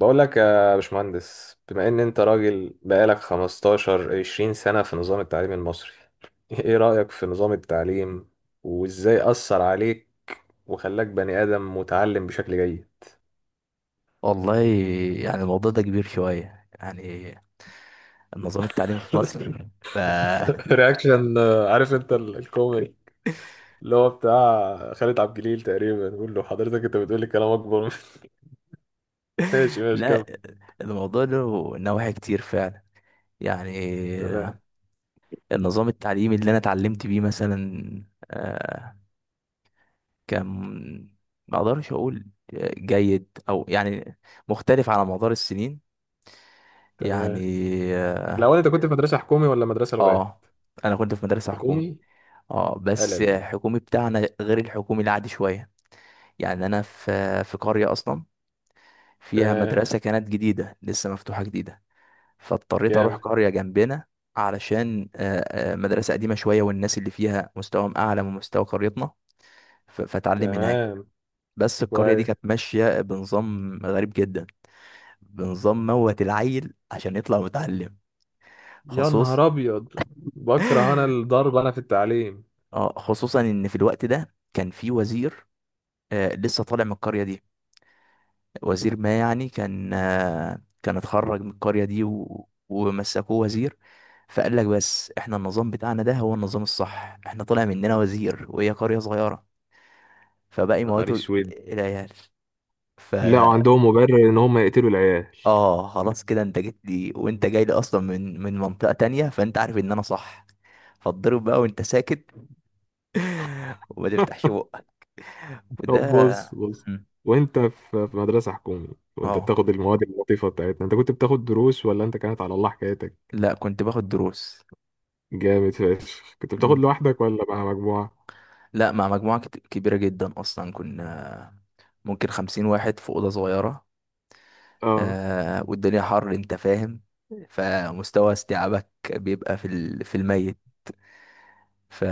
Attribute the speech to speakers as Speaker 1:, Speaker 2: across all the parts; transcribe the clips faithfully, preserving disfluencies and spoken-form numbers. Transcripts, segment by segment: Speaker 1: بقول لك يا باشمهندس، بما ان انت راجل بقالك خمستاشر عشرين سنة في نظام التعليم المصري، ايه رأيك في نظام التعليم وازاي أثر عليك وخلاك بني آدم متعلم بشكل جيد؟
Speaker 2: والله. يعني الموضوع ده كبير شوية، يعني النظام التعليمي في مصر ف
Speaker 1: رياكشن. آه، عارف انت ال- الكوميدي اللي هو بتاع خالد عبد الجليل تقريبا بيقول له حضرتك انت بتقول لي كلام اكبر من- ماشي ماشي،
Speaker 2: لا،
Speaker 1: كمل.
Speaker 2: الموضوع له نواحي كتير فعلا. يعني
Speaker 1: تمام.
Speaker 2: النظام التعليمي اللي انا اتعلمت بيه مثلا، آه، كان ما اقدرش اقول جيد او يعني مختلف على مدار السنين،
Speaker 1: تمام.
Speaker 2: يعني اه.
Speaker 1: الاول انت كنت في مدرسه حكومي ولا مدرسه لغات؟
Speaker 2: آه، انا كنت في مدرسة حكومي.
Speaker 1: حكومي.
Speaker 2: اه، بس
Speaker 1: قلل.
Speaker 2: الحكومي بتاعنا غير الحكومي العادي شوية. يعني انا في في قرية اصلا فيها
Speaker 1: تمام.
Speaker 2: مدرسة كانت جديدة لسه مفتوحة جديدة، فاضطريت أروح
Speaker 1: كامل.
Speaker 2: قرية جنبنا علشان آه، آه، مدرسة قديمة شوية والناس اللي فيها مستواهم أعلى من مستوى قريتنا. ف- فأتعلم هناك.
Speaker 1: تمام.
Speaker 2: بس القرية دي
Speaker 1: كويس.
Speaker 2: كانت ماشية بنظام غريب جدا، بنظام موت العيل عشان يطلع متعلم.
Speaker 1: يا
Speaker 2: خصوص
Speaker 1: نهار ابيض! بكره انا الضرب، انا في التعليم.
Speaker 2: آه، خصوصا إن في الوقت ده كان في وزير، آه، لسه طالع من القرية دي. وزير ما يعني كان آه، كان اتخرج من القرية دي و... ومسكوه وزير. فقال لك بس احنا النظام بتاعنا ده هو النظام الصح، احنا طلع مننا وزير وهي قرية صغيرة. فباقي
Speaker 1: نهار
Speaker 2: مواته
Speaker 1: اسود!
Speaker 2: العيال. ف
Speaker 1: لا، وعندهم مبرر ان هم يقتلوا العيال.
Speaker 2: اه، خلاص كده انت جيت لي وانت جاي لي اصلا من من منطقة تانية، فانت عارف ان انا صح. فاتضرب بقى وانت ساكت وما تفتحش بقك. وده
Speaker 1: طب بص بص،
Speaker 2: مم.
Speaker 1: وانت في في مدرسة حكومي، وانت
Speaker 2: اه،
Speaker 1: بتاخد المواد اللطيفة بتاعتنا، انت كنت بتاخد دروس ولا انت كانت على الله حكايتك؟
Speaker 2: لا، كنت باخد دروس.
Speaker 1: جامد فشخ! كنت بتاخد
Speaker 2: مم.
Speaker 1: لوحدك ولا مع مجموعة؟
Speaker 2: لا، مع مجموعة كت- كبيرة جدا أصلا. كنا ممكن خمسين واحد في أوضة صغيرة.
Speaker 1: اه.
Speaker 2: آه، والدنيا حر، أنت فاهم؟ فمستوى استيعابك بيبقى في ال- في الميت. ف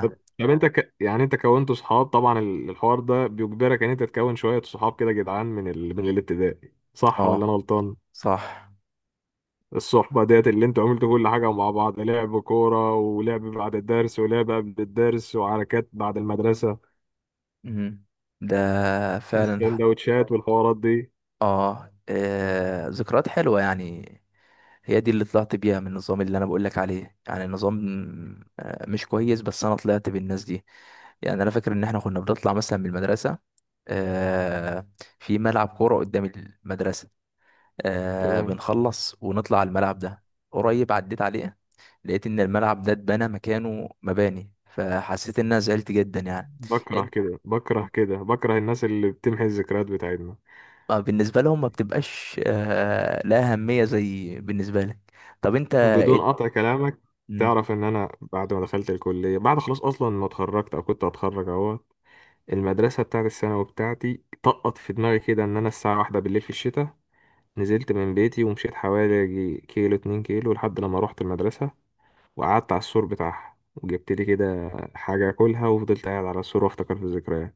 Speaker 1: طب طب انت ك... يعني انت كونت صحاب طبعا، ال- الحوار ده بيجبرك ان انت تكون شوية صحاب كده جدعان من ال... من الابتدائي، صح ولا انا
Speaker 2: اه،
Speaker 1: غلطان؟
Speaker 2: صح.
Speaker 1: الصحبة ديت اللي انتوا عملتوا كل حاجة مع بعض، لعب كورة، ولعب بعد الدرس، ولعب قبل الدرس، وحركات بعد المدرسة،
Speaker 2: مم. ده فعلا.
Speaker 1: والسندوتشات والحوارات دي.
Speaker 2: اه، آه، ذكريات حلوة يعني، هي دي اللي طلعت بيها من النظام اللي انا بقولك عليه. يعني النظام آه، مش كويس، بس انا طلعت بالناس دي. يعني انا فاكر ان احنا كنا بنطلع مثلا من المدرسة، آه، في ملعب كورة قدام المدرسة. آه،
Speaker 1: تمام.
Speaker 2: بنخلص ونطلع على الملعب ده. قريب عديت عليه، لقيت ان الملعب ده اتبنى مكانه مباني، فحسيت ان انا زعلت جدا يعني.
Speaker 1: بكره كده، بكره كده، بكره الناس اللي بتمحي الذكريات بتاعتنا.
Speaker 2: ما بالنسبة لهم ما بتبقاش آه، لا أهمية زي بالنسبة لك. طب أنت
Speaker 1: بدون
Speaker 2: إد...
Speaker 1: قطع كلامك،
Speaker 2: مم،
Speaker 1: تعرف ان انا بعد ما دخلت الكلية، بعد خلاص اصلا ما اتخرجت او كنت هتخرج اهو، المدرسة بتاعت الثانوي بتاعتي طقط في دماغي كده ان انا الساعة واحدة بالليل في الشتاء نزلت من بيتي ومشيت حوالي يجي كيلو، اتنين كيلو، لحد لما رحت المدرسة وقعدت على السور بتاعها وجبت لي كده حاجة أكلها وفضلت قاعد على السور وأفتكر في الذكريات.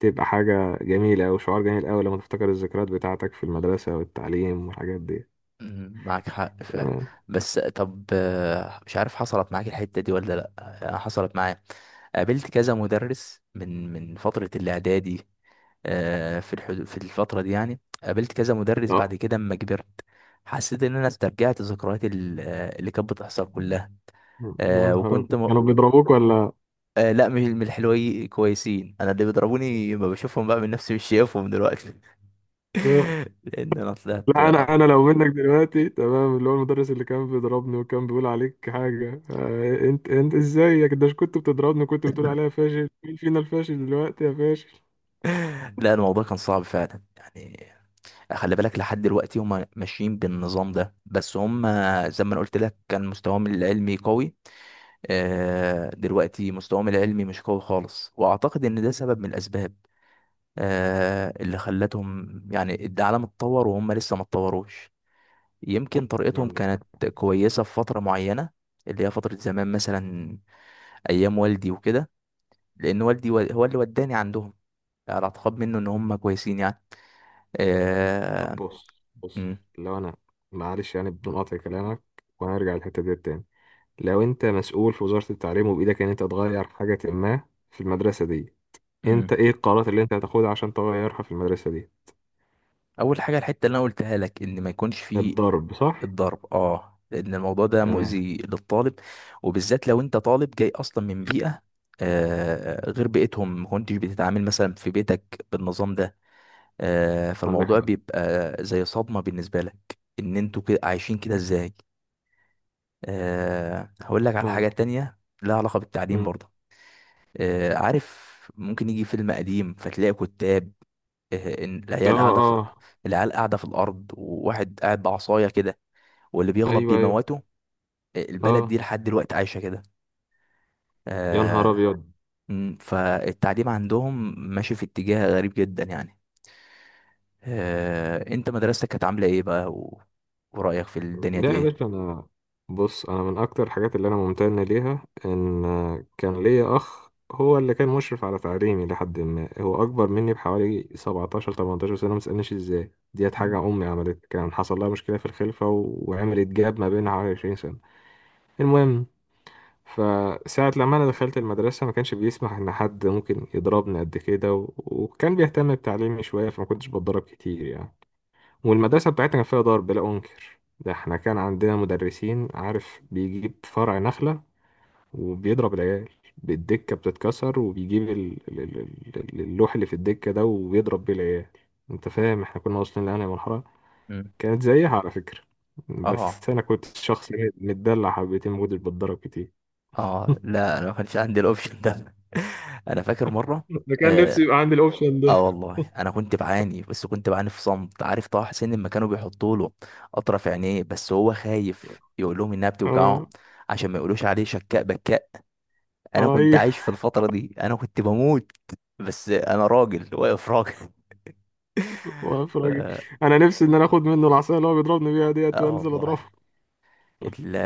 Speaker 1: تبقى حاجة جميلة أوي، شعور جميل أوي لما تفتكر الذكريات بتاعتك في المدرسة والتعليم والحاجات دي.
Speaker 2: مم، معاك حق. ف...
Speaker 1: تمام.
Speaker 2: بس طب آه، مش عارف حصلت معاك الحتة دي ولا لأ. آه، حصلت معايا، قابلت كذا مدرس من من فترة الإعدادي. آه، في الحدود، في الفترة دي يعني قابلت كذا مدرس
Speaker 1: أه،
Speaker 2: بعد كده أما كبرت. حسيت إن أنا استرجعت ذكريات ال- آه، اللي كانت بتحصل كلها.
Speaker 1: يا
Speaker 2: آه،
Speaker 1: نهار
Speaker 2: وكنت
Speaker 1: أبيض!
Speaker 2: م...
Speaker 1: كانوا بيضربوك ولا؟
Speaker 2: آه، لا، مش من الحلوين كويسين. انا اللي بيضربوني ما بشوفهم بقى من نفسي، مش شايفهم دلوقتي لان انا طلعت.
Speaker 1: لا، أنا أنا لو منك دلوقتي تمام، اللي هو المدرس اللي كان بيضربني وكان بيقول عليك حاجة، آه، أنت أنت إزاي ده كنت بتضربني وكنت بتقول عليا فاشل، مين فينا الفاشل دلوقتي يا فاشل؟
Speaker 2: لا، الموضوع كان صعب فعلا يعني. خلي بالك لحد دلوقتي هم ماشيين بالنظام ده، بس هم زي ما انا قلت لك كان مستواهم العلمي قوي. آه، دلوقتي مستواهم العلمي مش قوي خالص، واعتقد ان ده سبب من الاسباب آه، اللي خلتهم، يعني العالم اتطور وهم لسه ما اتطوروش. يمكن طريقتهم
Speaker 1: عندك.
Speaker 2: كانت كويسة في فترة معينة، اللي هي فترة زمان مثلا، أيام والدي وكده. لأن والدي و- هو اللي وداني عندهم على اعتقاد منه إن هم كويسين يعني.
Speaker 1: طب
Speaker 2: آه...
Speaker 1: بص بص،
Speaker 2: مم.
Speaker 1: لو انا، معلش يعني بدون قطع كلامك، وهنرجع للحته دي تاني، لو انت مسؤول في وزاره التعليم وبايدك ان انت تغير حاجه ما في المدرسه دي،
Speaker 2: مم.
Speaker 1: انت ايه القرارات اللي انت هتاخدها عشان تغيرها في المدرسه دي؟
Speaker 2: أول حاجة، الحتة اللي أنا قلتها لك إن ما يكونش فيه
Speaker 1: الضرب، صح.
Speaker 2: الضرب. اه، لأن الموضوع ده
Speaker 1: تمام.
Speaker 2: مؤذي للطالب، وبالذات لو أنت طالب جاي أصلا من بيئة آه غير بيئتهم، ما كنتش بتتعامل مثلا في بيتك بالنظام ده. آه،
Speaker 1: عندك
Speaker 2: فالموضوع
Speaker 1: حق.
Speaker 2: بيبقى زي صدمة بالنسبة لك ان انتوا كده عايشين كده ازاي. أه، هقول لك على
Speaker 1: اه.
Speaker 2: حاجة تانية لها علاقة بالتعليم
Speaker 1: مم.
Speaker 2: برضه. أه، عارف ممكن يجي فيلم قديم فتلاقي كتاب، أه إن
Speaker 1: اه.
Speaker 2: العيال قاعدة في
Speaker 1: آه.
Speaker 2: العيال قاعدة في الأرض وواحد قاعد بعصاية كده، واللي بيغلط
Speaker 1: ايوه، ايوه.
Speaker 2: بيموته. آه، البلد
Speaker 1: اه.
Speaker 2: دي لحد دلوقتي عايشة كده.
Speaker 1: يا نهار
Speaker 2: أه،
Speaker 1: ابيض!
Speaker 2: م، فالتعليم عندهم ماشي في اتجاه غريب جدا يعني. أه، انت مدرستك كانت عاملة ايه بقى و... ورأيك في الدنيا
Speaker 1: لا
Speaker 2: دي
Speaker 1: يا
Speaker 2: ايه؟
Speaker 1: باشا، انا، بص، انا من اكتر الحاجات اللي انا ممتن ليها ان كان ليا اخ هو اللي كان مشرف على تعليمي لحد ما، هو اكبر مني بحوالي سبعتاشر تمنتاشر سنه، ما تسالنيش ازاي ديت، حاجه
Speaker 2: مم.
Speaker 1: امي عملت، كان حصل لها مشكله في الخلفه و- وعملت جاب ما بينها حوالي عشرين سنه. المهم، فساعة لما أنا دخلت المدرسة ما كانش بيسمح إن حد ممكن يضربني قد كده، و... وكان بيهتم بتعليمي شوية، فما كنتش بتضرب كتير يعني. والمدرسة بتاعتنا كان فيها ضرب، لا أنكر ده، احنا كان عندنا مدرسين، عارف، بيجيب فرع نخلة وبيضرب العيال، بالدكة بتتكسر، وبيجيب ال- ال- ال- ال- اللوح اللي في الدكة ده وبيضرب بيه العيال. انت فاهم احنا كنا واصلين لأنهي مرحلة؟
Speaker 2: مم.
Speaker 1: كانت زيها على فكرة.
Speaker 2: اه.
Speaker 1: بس أنا كنت شخص إيه، متدلع حبتين، ما كنتش بتضرب كتير.
Speaker 2: اه، لا، انا ما كانش عندي الاوبشن ده انا فاكر مره.
Speaker 1: ده كان نفسي
Speaker 2: اه،
Speaker 1: يبقى عندي الاوبشن ده.
Speaker 2: آه، والله انا كنت بعاني، بس كنت بعاني في صمت. عارف طه حسين لما كانوا بيحطوا له اطرف عينيه، بس هو خايف يقول لهم انها
Speaker 1: اه.
Speaker 2: بتوجعه عشان ما يقولوش عليه شكاء بكاء. انا
Speaker 1: اه.
Speaker 2: كنت
Speaker 1: ايوه.
Speaker 2: عايش في الفتره دي، انا كنت بموت، بس انا راجل واقف راجل
Speaker 1: واقف
Speaker 2: ف...
Speaker 1: راجل. انا نفسي ان انا اخد منه العصايه اللي هو بيضربني بيها ديت
Speaker 2: اه،
Speaker 1: وانزل اضربه.
Speaker 2: والله ال...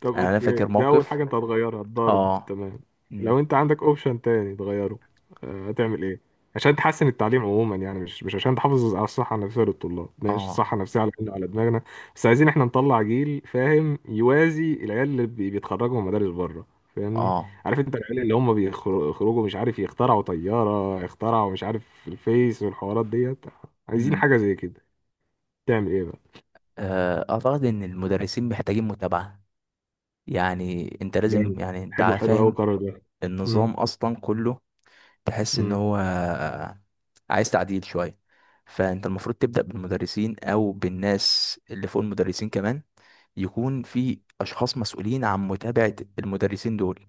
Speaker 1: طب
Speaker 2: انا أنا
Speaker 1: اوكي،
Speaker 2: فاكر
Speaker 1: ده اول
Speaker 2: موقف.
Speaker 1: حاجه انت هتغيرها الضرب،
Speaker 2: اه.
Speaker 1: تمام.
Speaker 2: مم.
Speaker 1: لو انت عندك اوبشن تاني تغيره، آه، هتعمل ايه عشان تحسن التعليم عموما؟ يعني مش مش عشان تحافظ على الصحه النفسيه للطلاب، ماشي،
Speaker 2: اه.
Speaker 1: الصحه النفسيه على على دماغنا، بس عايزين احنا نطلع جيل فاهم يوازي العيال اللي بي- بيتخرجوا من مدارس بره، فاهمني؟
Speaker 2: اه.
Speaker 1: عارف انت العيال اللي هم بيخر- بيخرجوا، مش عارف، يخترعوا طياره، يخترعوا، مش عارف، الفيس والحوارات ديت، عايزين
Speaker 2: مم.
Speaker 1: حاجه زي كده. تعمل ايه بقى؟
Speaker 2: آه، اعتقد ان المدرسين محتاجين متابعة. يعني انت لازم،
Speaker 1: جامد!
Speaker 2: يعني انت
Speaker 1: حلو حلو قوي
Speaker 2: فاهم
Speaker 1: القرار ده. امم
Speaker 2: النظام اصلا كله، تحس ان
Speaker 1: امم.
Speaker 2: هو عايز تعديل شوية. فانت المفروض تبدأ بالمدرسين او بالناس اللي فوق المدرسين كمان. يكون في اشخاص مسؤولين عن متابعة المدرسين دول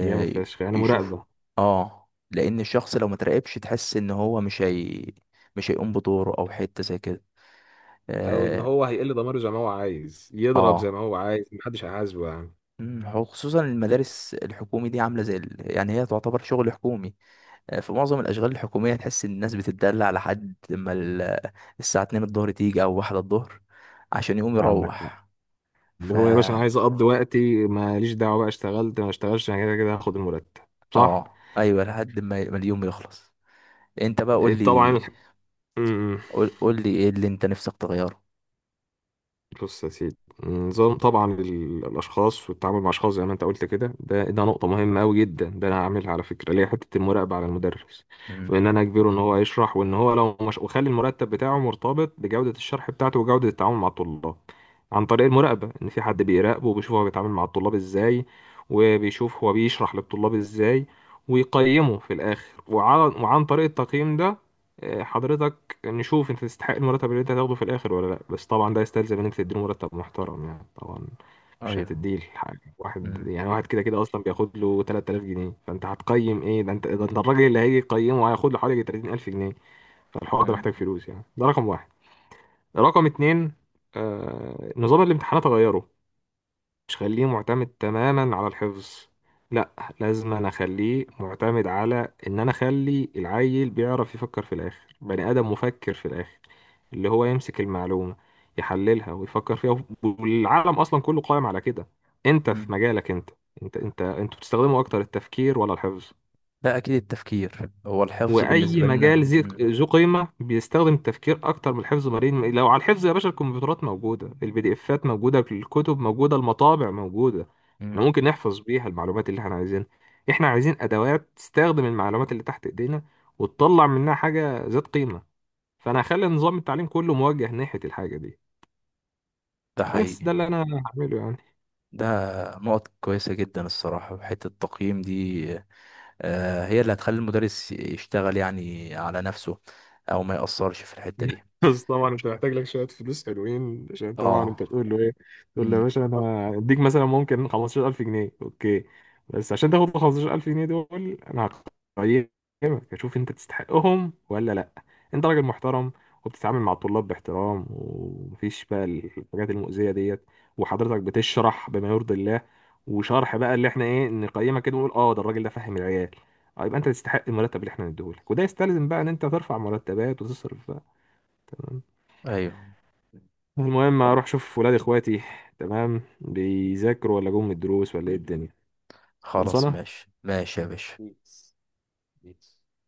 Speaker 1: جامد فشخ، يعني
Speaker 2: يشوفوا.
Speaker 1: مراقبة.
Speaker 2: اه، لان الشخص لو ما تراقبش تحس ان هو مش هي مش هيقوم بدوره او حتة زي كده.
Speaker 1: او ان
Speaker 2: اه.
Speaker 1: هو هيقل ضميره، زي ما هو عايز يضرب، زي ما
Speaker 2: آه.
Speaker 1: هو عايز، محدش هيحاسبه يعني.
Speaker 2: مم، هو خصوصا المدارس الحكومي دي عامله زي ال... يعني هي تعتبر شغل حكومي. آه، في معظم الاشغال الحكوميه تحس ان الناس بتتدلع لحد لما ال... الساعه اتنين الظهر تيجي او واحدة الظهر عشان يقوم
Speaker 1: عندك حق.
Speaker 2: يروح.
Speaker 1: اللي
Speaker 2: ف
Speaker 1: هو يا باشا انا عايز اقضي وقتي، ماليش دعوه بقى، اشتغلت ما اشتغلش، انا كده كده هاخد المرتب، صح؟
Speaker 2: اه، ايوه، لحد ما ما اليوم يخلص. انت بقى قول
Speaker 1: طبعا.
Speaker 2: لي،
Speaker 1: الح- مم.
Speaker 2: قول قول لي ايه اللي انت نفسك تغيره.
Speaker 1: بص يا سيدي، نظام، طبعا ال- الاشخاص والتعامل مع اشخاص زي ما انت قلت كده، ده ده نقطه مهمه قوي جدا، ده انا هعملها على فكره، اللي هي حته المراقبه على المدرس، وان
Speaker 2: مم.
Speaker 1: انا اجبره ان هو يشرح، وان هو لو مش، وخلي المرتب بتاعه مرتبط بجوده الشرح بتاعته وجوده التعامل مع الطلاب، عن طريق المراقبه ان في حد بيراقبه وبيشوف هو بيتعامل مع الطلاب ازاي، وبيشوف هو بيشرح للطلاب ازاي، ويقيمه في الاخر، وعن, وعن طريق التقييم ده، آه، حضرتك، يعني نشوف انت تستحق المرتب اللي انت هتاخده في الاخر ولا لا، بس طبعا ده يستلزم ان انت تديله مرتب محترم يعني طبعا. مش
Speaker 2: ايوه.
Speaker 1: هتديه الحاجة، واحد
Speaker 2: مم.
Speaker 1: يعني، واحد كده كده اصلا بياخد له تلاتة آلاف جنيه، فانت هتقيم ايه؟ ده انت ده انت الراجل اللي هيجي يقيمه هياخد له حوالي تلاتين ألف جنيه، فالحوار ده
Speaker 2: مم.
Speaker 1: محتاج فلوس يعني. ده رقم واحد. رقم اتنين، آه نظام الامتحانات غيره، مش خليه معتمد تماما على الحفظ، لا، لازم انا اخليه معتمد على ان انا اخلي العيل بيعرف يفكر في الاخر، بني ادم مفكر في الاخر، اللي هو يمسك المعلومة يحللها ويفكر فيها، والعالم اصلا كله قائم على كده. انت في
Speaker 2: مم.
Speaker 1: مجالك، انت انت انت انتوا بتستخدموا اكتر التفكير ولا الحفظ؟
Speaker 2: لا، اكيد التفكير هو الحفظ
Speaker 1: واي
Speaker 2: بالنسبه لنا.
Speaker 1: مجال ذي
Speaker 2: مم.
Speaker 1: ذو قيمه بيستخدم التفكير اكتر من الحفظ. مرين، لو على الحفظ يا باشا، الكمبيوترات موجوده، البي دي افات موجوده، الكتب موجوده، المطابع موجوده، احنا
Speaker 2: مم.
Speaker 1: ممكن نحفظ بيها المعلومات اللي احنا عايزينها، احنا عايزين ادوات تستخدم المعلومات اللي تحت ايدينا وتطلع منها حاجه ذات قيمه. فانا هخلي نظام التعليم كله موجه ناحيه الحاجه دي،
Speaker 2: ده
Speaker 1: بس
Speaker 2: حقيقي.
Speaker 1: ده اللي انا هعمله يعني.
Speaker 2: ده نقط كويسة جدا الصراحة. في حتة التقييم دي، آه، هي اللي هتخلي المدرس يشتغل يعني على نفسه، أو ما يأثرش في الحتة دي.
Speaker 1: بس طبعا انت محتاج لك شويه فلوس حلوين، عشان طبعا
Speaker 2: اه.
Speaker 1: انت تقول له ايه؟ تقول له يا
Speaker 2: امم.
Speaker 1: باشا، انا هديك مثلا ممكن خمسة عشر ألف جنيه، اوكي، بس عشان تاخد ال خمستاشر ألف جنيه دول انا هقيمك اشوف انت تستحقهم ولا لا، انت راجل محترم وبتتعامل مع الطلاب باحترام، ومفيش بقى الحاجات المؤذيه ديت، وحضرتك بتشرح بما يرضي الله، وشرح بقى اللي احنا ايه، نقيمك كده ونقول اه ده الراجل ده فاهم العيال، اه يبقى انت تستحق المرتب اللي احنا نديهولك، وده يستلزم بقى ان انت ترفع مرتبات وتصرف. تمام.
Speaker 2: ايوه.
Speaker 1: المهم اروح اشوف ولاد اخواتي، تمام بيذاكروا ولا جم من الدروس ولا ايه الدنيا.
Speaker 2: خلاص،
Speaker 1: خلصانه.
Speaker 2: ماشي ماشي يا باشا.
Speaker 1: بيس. بيس.